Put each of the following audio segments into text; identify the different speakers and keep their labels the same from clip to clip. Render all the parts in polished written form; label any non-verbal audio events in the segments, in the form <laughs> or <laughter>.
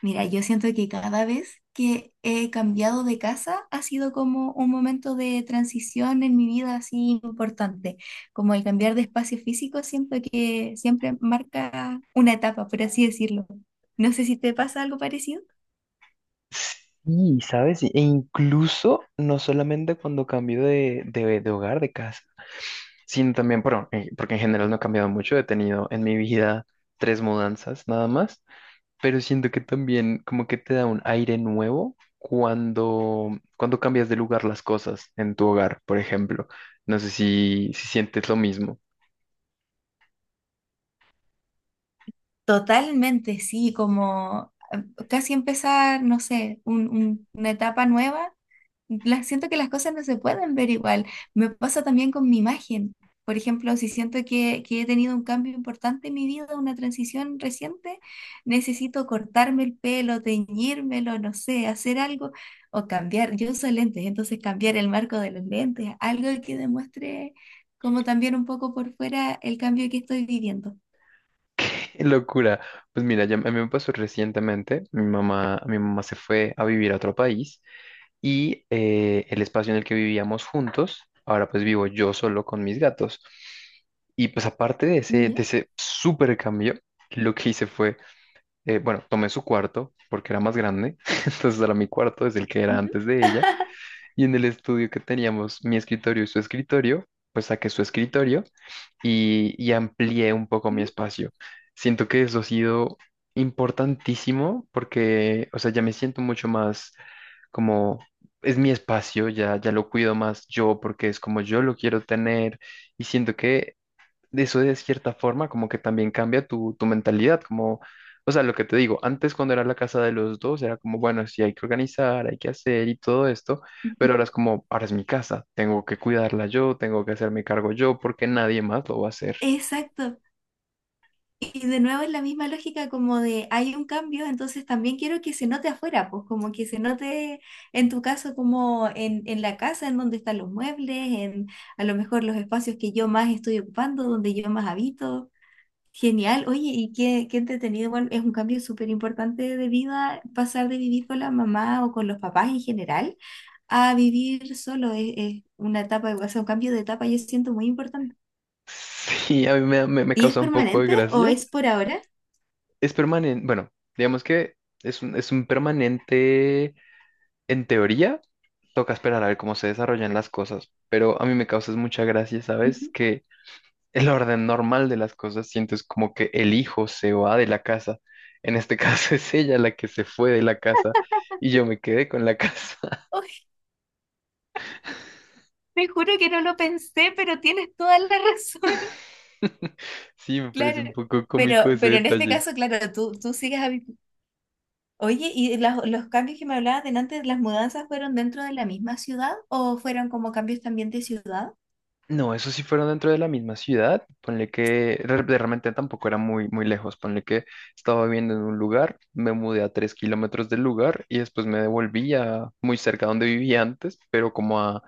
Speaker 1: Mira, yo siento que cada vez que he cambiado de casa ha sido como un momento de transición en mi vida así importante. Como el cambiar de espacio físico, siento que siempre marca una etapa, por así decirlo. No sé si te pasa algo parecido.
Speaker 2: Sí, ¿sabes? E incluso no solamente cuando cambio de hogar, de casa, sino también, bueno, porque en general no he cambiado mucho, he tenido en mi vida tres mudanzas nada más, pero siento que también como que te da un aire nuevo cuando cambias de lugar las cosas en tu hogar, por ejemplo. No sé si sientes lo mismo.
Speaker 1: Totalmente, sí, como casi empezar, no sé, una etapa nueva las, siento que las cosas no se pueden ver igual. Me pasa también con mi imagen. Por ejemplo, si siento que he tenido un cambio importante en mi vida, una transición reciente, necesito cortarme el pelo, teñírmelo, no sé, hacer algo o cambiar. Yo uso lentes, entonces cambiar el marco de los lentes, algo que demuestre como también un poco por fuera el cambio que estoy viviendo.
Speaker 2: <laughs> Locura. Pues mira, ya, a mí me pasó recientemente, mi mamá se fue a vivir a otro país. Y el espacio en el que vivíamos juntos, ahora pues vivo yo solo con mis gatos. Y pues aparte de ese, de
Speaker 1: ¿Ya?
Speaker 2: ese súper cambio, lo que hice fue, bueno, tomé su cuarto porque era más grande. <laughs> Entonces era mi cuarto, es el que era
Speaker 1: Ujú,
Speaker 2: antes de ella,
Speaker 1: <laughs>
Speaker 2: y en el estudio que teníamos mi escritorio y su escritorio, pues saqué su escritorio y amplié un poco mi
Speaker 1: ujú,
Speaker 2: espacio. Siento que eso ha sido importantísimo porque, o sea, ya me siento mucho más como es mi espacio, ya, ya lo cuido más yo porque es como yo lo quiero tener, y siento que eso de cierta forma como que también cambia tu mentalidad, como, o sea, lo que te digo, antes cuando era la casa de los dos era como, bueno, sí hay que organizar, hay que hacer y todo esto,
Speaker 1: ujú.
Speaker 2: pero ahora es como, ahora es mi casa, tengo que cuidarla yo, tengo que hacerme cargo yo porque nadie más lo va a hacer.
Speaker 1: Exacto. Y de nuevo es la misma lógica como de hay un cambio, entonces también quiero que se note afuera, pues como que se note en tu caso como en la casa, en donde están los muebles, en a lo mejor los espacios que yo más estoy ocupando, donde yo más habito. Genial, oye, qué entretenido, igual es un cambio súper importante de vida, pasar de vivir con la mamá o con los papás en general a vivir solo, es una etapa, o sea, un cambio de etapa yo siento muy importante.
Speaker 2: <laughs> Sí, a mí me
Speaker 1: ¿Y es
Speaker 2: causa un poco de
Speaker 1: permanente o
Speaker 2: gracia.
Speaker 1: es por ahora?
Speaker 2: Es permanente, bueno, digamos que es un permanente en teoría. Toca esperar a ver cómo se desarrollan las cosas, pero a mí me causa mucha gracia, ¿sabes?
Speaker 1: Ujú.
Speaker 2: Que el orden normal de las cosas siento es como que el hijo se va de la casa. En este caso <laughs> es ella la que se fue de la casa y yo me quedé con la casa.
Speaker 1: Te juro que no lo pensé, pero tienes toda la razón. <laughs>
Speaker 2: <laughs> Sí, me parece un
Speaker 1: Claro.
Speaker 2: poco cómico
Speaker 1: Pero,
Speaker 2: ese
Speaker 1: pero en este
Speaker 2: detalle.
Speaker 1: caso, claro, tú sigues habi- Oye, ¿y las- los cambios que me hablabas de antes, las mudanzas fueron dentro de la misma ciudad o fueron como cambios también de ciudad?
Speaker 2: No, eso sí fueron dentro de la misma ciudad. Ponle que realmente tampoco era muy, muy lejos. Ponle que estaba viviendo en un lugar, me mudé a 3 kilómetros del lugar y después me devolví a muy cerca donde vivía antes, pero como a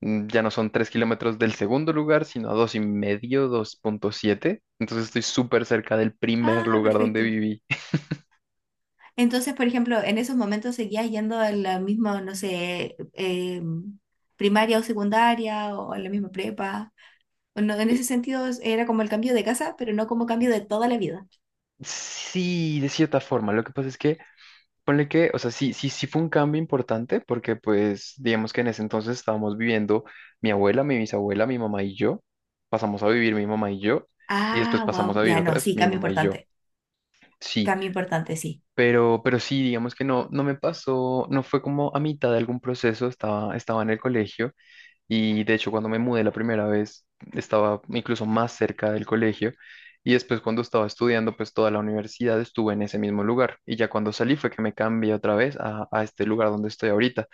Speaker 2: ya no son 3 kilómetros del segundo lugar, sino a 2,5, 2,7. Entonces estoy súper cerca del primer
Speaker 1: Ah,
Speaker 2: lugar donde
Speaker 1: perfecto.
Speaker 2: viví.
Speaker 1: Entonces, por ejemplo, en esos momentos seguías yendo a la misma, no sé, primaria o secundaria o a la misma prepa. O no, en
Speaker 2: Eh,
Speaker 1: ese sentido es- era como el cambio de casa, pero no como cambio de toda la vida.
Speaker 2: Sí, de cierta forma. Lo que pasa es que, ponle que, o sea, sí, sí, sí fue un cambio importante porque, pues, digamos que en ese entonces estábamos viviendo mi abuela, mi bisabuela, mi mamá y yo. Pasamos a vivir mi mamá y yo. Y después
Speaker 1: Ah,
Speaker 2: pasamos
Speaker 1: wow.
Speaker 2: a vivir
Speaker 1: Ya
Speaker 2: otra
Speaker 1: no,
Speaker 2: vez
Speaker 1: sí,
Speaker 2: mi
Speaker 1: cambio
Speaker 2: mamá y yo.
Speaker 1: importante.
Speaker 2: Sí,
Speaker 1: Cambio importante, sí.
Speaker 2: pero sí, digamos que no, no me pasó, no fue como a mitad de algún proceso, estaba, estaba en el colegio. Y de hecho, cuando me mudé la primera vez, estaba incluso más cerca del colegio. Y después, cuando estaba estudiando, pues toda la universidad estuve en ese mismo lugar. Y ya cuando salí fue que me cambié otra vez a este lugar donde estoy ahorita,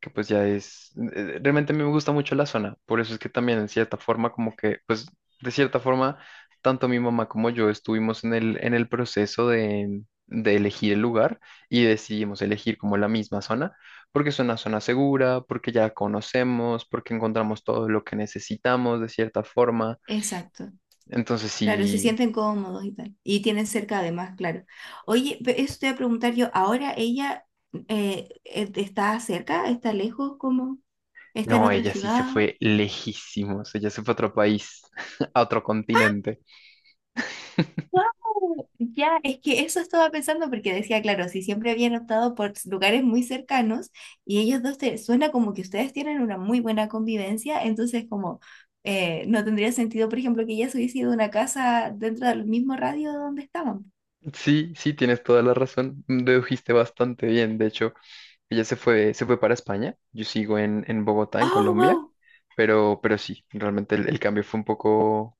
Speaker 2: que pues ya es, realmente a mí me gusta mucho la zona, por eso es que también en cierta forma como que, pues de cierta forma, tanto mi mamá como yo estuvimos en el proceso de elegir el lugar y decidimos elegir como la misma zona, porque es una zona segura, porque ya conocemos, porque encontramos todo lo que necesitamos de cierta forma,
Speaker 1: Exacto.
Speaker 2: entonces
Speaker 1: Claro, se
Speaker 2: sí,
Speaker 1: sienten cómodos y tal. Y tienen cerca además, claro. Oye, pe- eso te voy a preguntar yo, ¿ahora ella está cerca? ¿Está lejos? ¿Cómo? ¿Está en
Speaker 2: no,
Speaker 1: otra
Speaker 2: ella sí se
Speaker 1: ciudad?
Speaker 2: fue lejísimos, ella se fue a otro país, <laughs> a otro continente.
Speaker 1: Wow, ya, es que eso estaba pensando porque decía, claro, si siempre habían optado por lugares muy cercanos y ellos dos, te, suena como que ustedes tienen una muy buena convivencia, entonces como no tendría sentido, por ejemplo, que ella se hubiese ido a una casa dentro del mismo radio donde estaban.
Speaker 2: Sí, sí, tienes toda la razón. Dedujiste bastante bien. De hecho, ella se fue para España. Yo sigo en Bogotá, en
Speaker 1: Oh,
Speaker 2: Colombia,
Speaker 1: wow.
Speaker 2: pero sí, realmente el cambio fue un poco,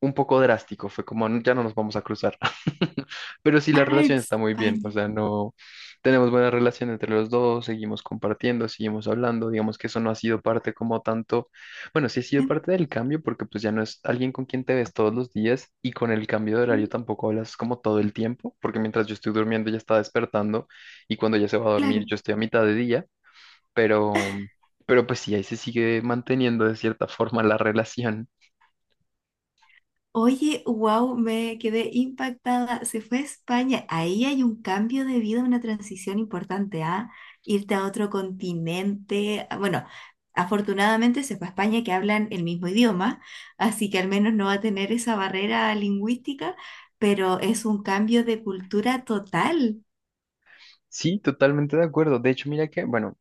Speaker 2: un poco drástico, fue como, "No, ya no nos vamos a cruzar". <laughs> Pero sí, la
Speaker 1: Ah,
Speaker 2: relación está muy bien, o
Speaker 1: España.
Speaker 2: sea, no tenemos buena relación entre los dos, seguimos compartiendo, seguimos hablando, digamos que eso no ha sido parte como tanto, bueno, sí ha sido
Speaker 1: En-
Speaker 2: parte del cambio, porque pues ya no es alguien con quien te ves todos los días y con el cambio de horario
Speaker 1: mm,
Speaker 2: tampoco hablas como todo el tiempo, porque mientras yo estoy durmiendo ella está despertando, y cuando ella se va a dormir
Speaker 1: claro.
Speaker 2: yo estoy a mitad de día, pero, pero pues sí, ahí se sigue manteniendo de cierta forma la <laughs> relación.
Speaker 1: Oye, wow, me quedé impactada. Se fue a España. Ahí hay un cambio de vida, una transición importante, ¿ah? Irte a otro continente. Ah, bueno, afortunadamente se fue a España que hablan el mismo idioma, así que al menos no va a tener esa barrera lingüística, pero es un cambio de cultura total.
Speaker 2: Sí, totalmente de acuerdo. De hecho, mira que, bueno,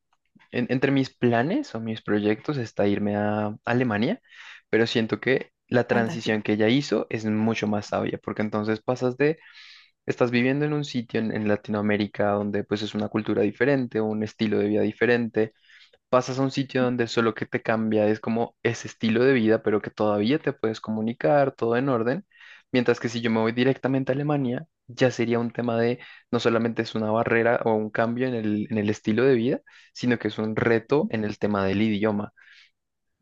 Speaker 2: entre mis planes o mis proyectos está irme a Alemania, pero siento que la
Speaker 1: Fantástico.
Speaker 2: transición que ella hizo es mucho más sabia, porque entonces pasas de, estás viviendo en un sitio en Latinoamérica donde pues es una cultura diferente, un estilo de vida diferente, pasas a un sitio donde solo que te cambia es como ese estilo de vida, pero que todavía te puedes comunicar, todo en orden. Mientras que si yo me voy directamente a Alemania, ya sería un tema de no solamente es una barrera o un cambio en el estilo de vida, sino que es un reto en el tema del idioma.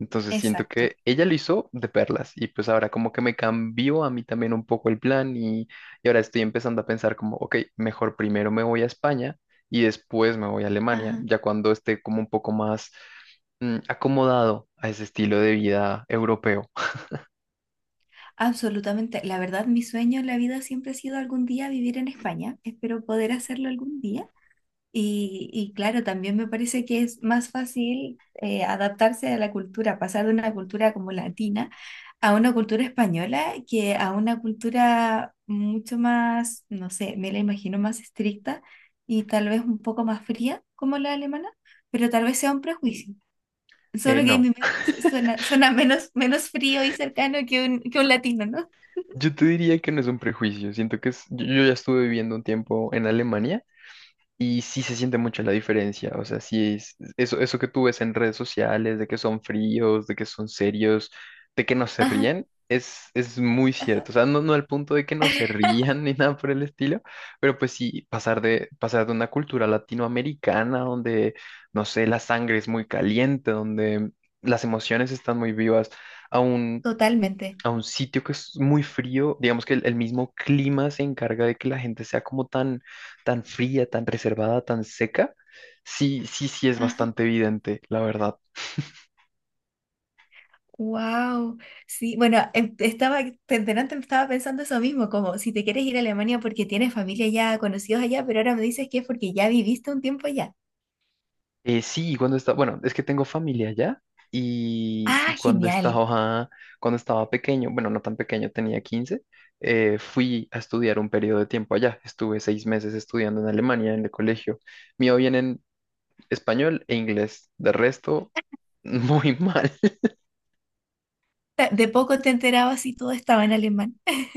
Speaker 2: Entonces siento
Speaker 1: Exacto.
Speaker 2: que ella lo hizo de perlas y pues ahora como que me cambió a mí también un poco el plan, y ahora estoy empezando a pensar como, ok, mejor primero me voy a España y después me voy a Alemania,
Speaker 1: Ajá.
Speaker 2: ya cuando esté como un poco más acomodado a ese estilo de vida europeo.
Speaker 1: Absolutamente. La verdad, mi sueño en la vida siempre ha sido algún día vivir en España. Espero poder hacerlo algún día. Y claro, también me parece que es más fácil adaptarse a la cultura, pasar de una cultura como latina a una cultura española que a una cultura mucho más, no sé, me la imagino más estricta y tal vez un poco más fría como la alemana, pero tal vez sea un prejuicio. Solo que en
Speaker 2: No,
Speaker 1: mi mente suena, suena menos, menos frío y cercano que que un latino, ¿no?
Speaker 2: yo te diría que no es un prejuicio, siento que yo ya estuve viviendo un tiempo en Alemania. Y sí se siente mucho la diferencia, o sea, sí es eso, eso que tú ves en redes sociales, de que son fríos, de que son serios, de que no se
Speaker 1: Ajá.
Speaker 2: ríen, es muy
Speaker 1: Ajá.
Speaker 2: cierto. O sea, no, no al punto de que no se
Speaker 1: <laughs>
Speaker 2: rían <laughs> ni nada por el estilo, pero pues sí, pasar de una cultura latinoamericana donde, no sé, la sangre es muy caliente, donde las emociones están muy vivas, a un
Speaker 1: Totalmente.
Speaker 2: a un sitio que es muy frío, digamos que el mismo clima se encarga de que la gente sea como tan, tan fría, tan reservada, tan seca, sí, sí, sí es
Speaker 1: Ajá.
Speaker 2: bastante evidente, la verdad.
Speaker 1: Wow. Sí, bueno, em- estaba, delante me estaba pensando eso mismo, como si te quieres ir a Alemania porque tienes familia allá conocidos allá, pero ahora me dices que es porque ya viviste un tiempo allá.
Speaker 2: Sí, cuando estaba, bueno, es que tengo familia allá y
Speaker 1: Ah, genial.
Speaker 2: cuando estaba pequeño, bueno, no tan pequeño, tenía 15. Fui a estudiar un periodo de tiempo allá. Estuve 6 meses estudiando en Alemania, en el colegio. Mío bien en español e inglés, de resto, <laughs> muy mal.
Speaker 1: Ta- De poco te enterabas y todo estaba en alemán.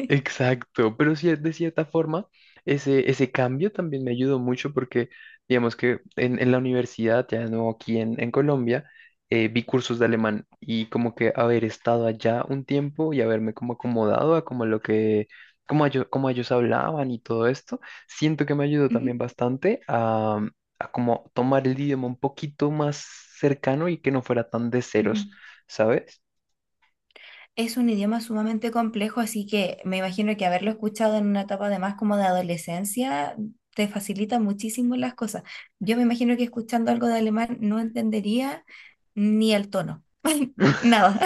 Speaker 2: Exacto, pero sí, de cierta forma, ese cambio también me ayudó mucho porque, digamos que en la universidad, ya no aquí en Colombia, vi cursos de alemán, y como que haber estado allá un tiempo y haberme como acomodado a como lo que, como ellos hablaban y todo esto, siento que me ayudó
Speaker 1: <laughs> Ujú,
Speaker 2: también bastante a como tomar el idioma un poquito más cercano y que no fuera tan de ceros,
Speaker 1: ujú.
Speaker 2: ¿sabes?
Speaker 1: Es un idioma sumamente complejo, así que me imagino que haberlo escuchado en una etapa además como de adolescencia te facilita muchísimo las cosas. Yo me imagino que escuchando algo de alemán no entendería ni el tono, <laughs> nada.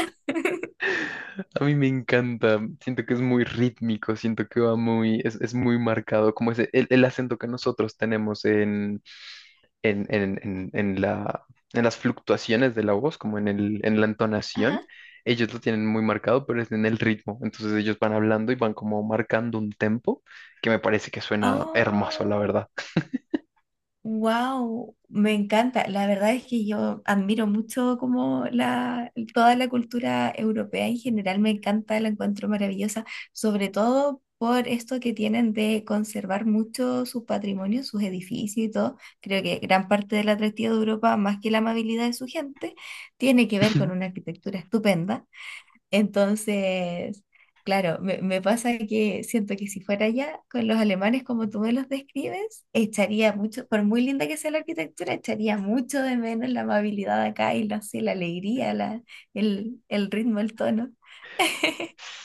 Speaker 2: A mí me encanta, siento que es muy rítmico, siento que va muy, es muy marcado, como ese, el acento que nosotros tenemos en, en, en, en, en la, en las fluctuaciones de la voz, como en en la
Speaker 1: Ajá.
Speaker 2: entonación, ellos lo tienen muy marcado, pero es en el ritmo, entonces ellos van hablando y van como marcando un tempo que me parece que suena hermoso, la
Speaker 1: Oh,
Speaker 2: verdad.
Speaker 1: wow, me encanta. La verdad es que yo admiro mucho como la, toda la cultura europea en general, me encanta, la encuentro maravillosa, sobre todo por esto que tienen de conservar mucho sus patrimonios, sus edificios y todo. Creo que gran parte del atractivo de Europa, más que la amabilidad de su gente, tiene que ver con
Speaker 2: <laughs>
Speaker 1: una arquitectura estupenda. Entonces, claro, me pasa que siento que si fuera allá con los alemanes como tú me los describes, echaría mucho, por muy linda que sea la arquitectura, echaría mucho de menos la amabilidad acá y la, sí, la alegría, la, el ritmo, el tono.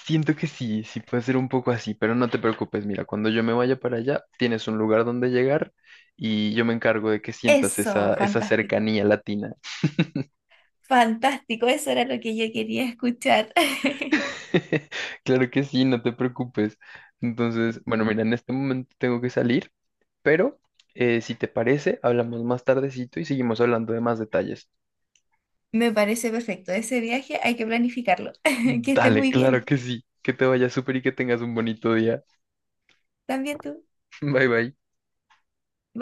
Speaker 2: Siento que sí, sí puede ser un poco así, pero no te preocupes, mira, cuando yo me vaya para allá, tienes un lugar donde llegar, y yo me encargo de que sientas
Speaker 1: Eso,
Speaker 2: esa, esa
Speaker 1: fantástico.
Speaker 2: cercanía latina.
Speaker 1: Fantástico, eso era lo que yo quería escuchar. <laughs>
Speaker 2: <laughs> Claro que sí, no te preocupes. Entonces, bueno, mira, en este momento tengo que salir, pero si te parece, hablamos más tardecito y seguimos hablando de más detalles.
Speaker 1: Me parece perfecto. Ese viaje hay que planificarlo. <laughs> Que esté
Speaker 2: Dale,
Speaker 1: muy
Speaker 2: claro
Speaker 1: bien.
Speaker 2: que sí, que te vaya súper y que tengas un bonito día.
Speaker 1: También tú.
Speaker 2: <laughs> Bye bye.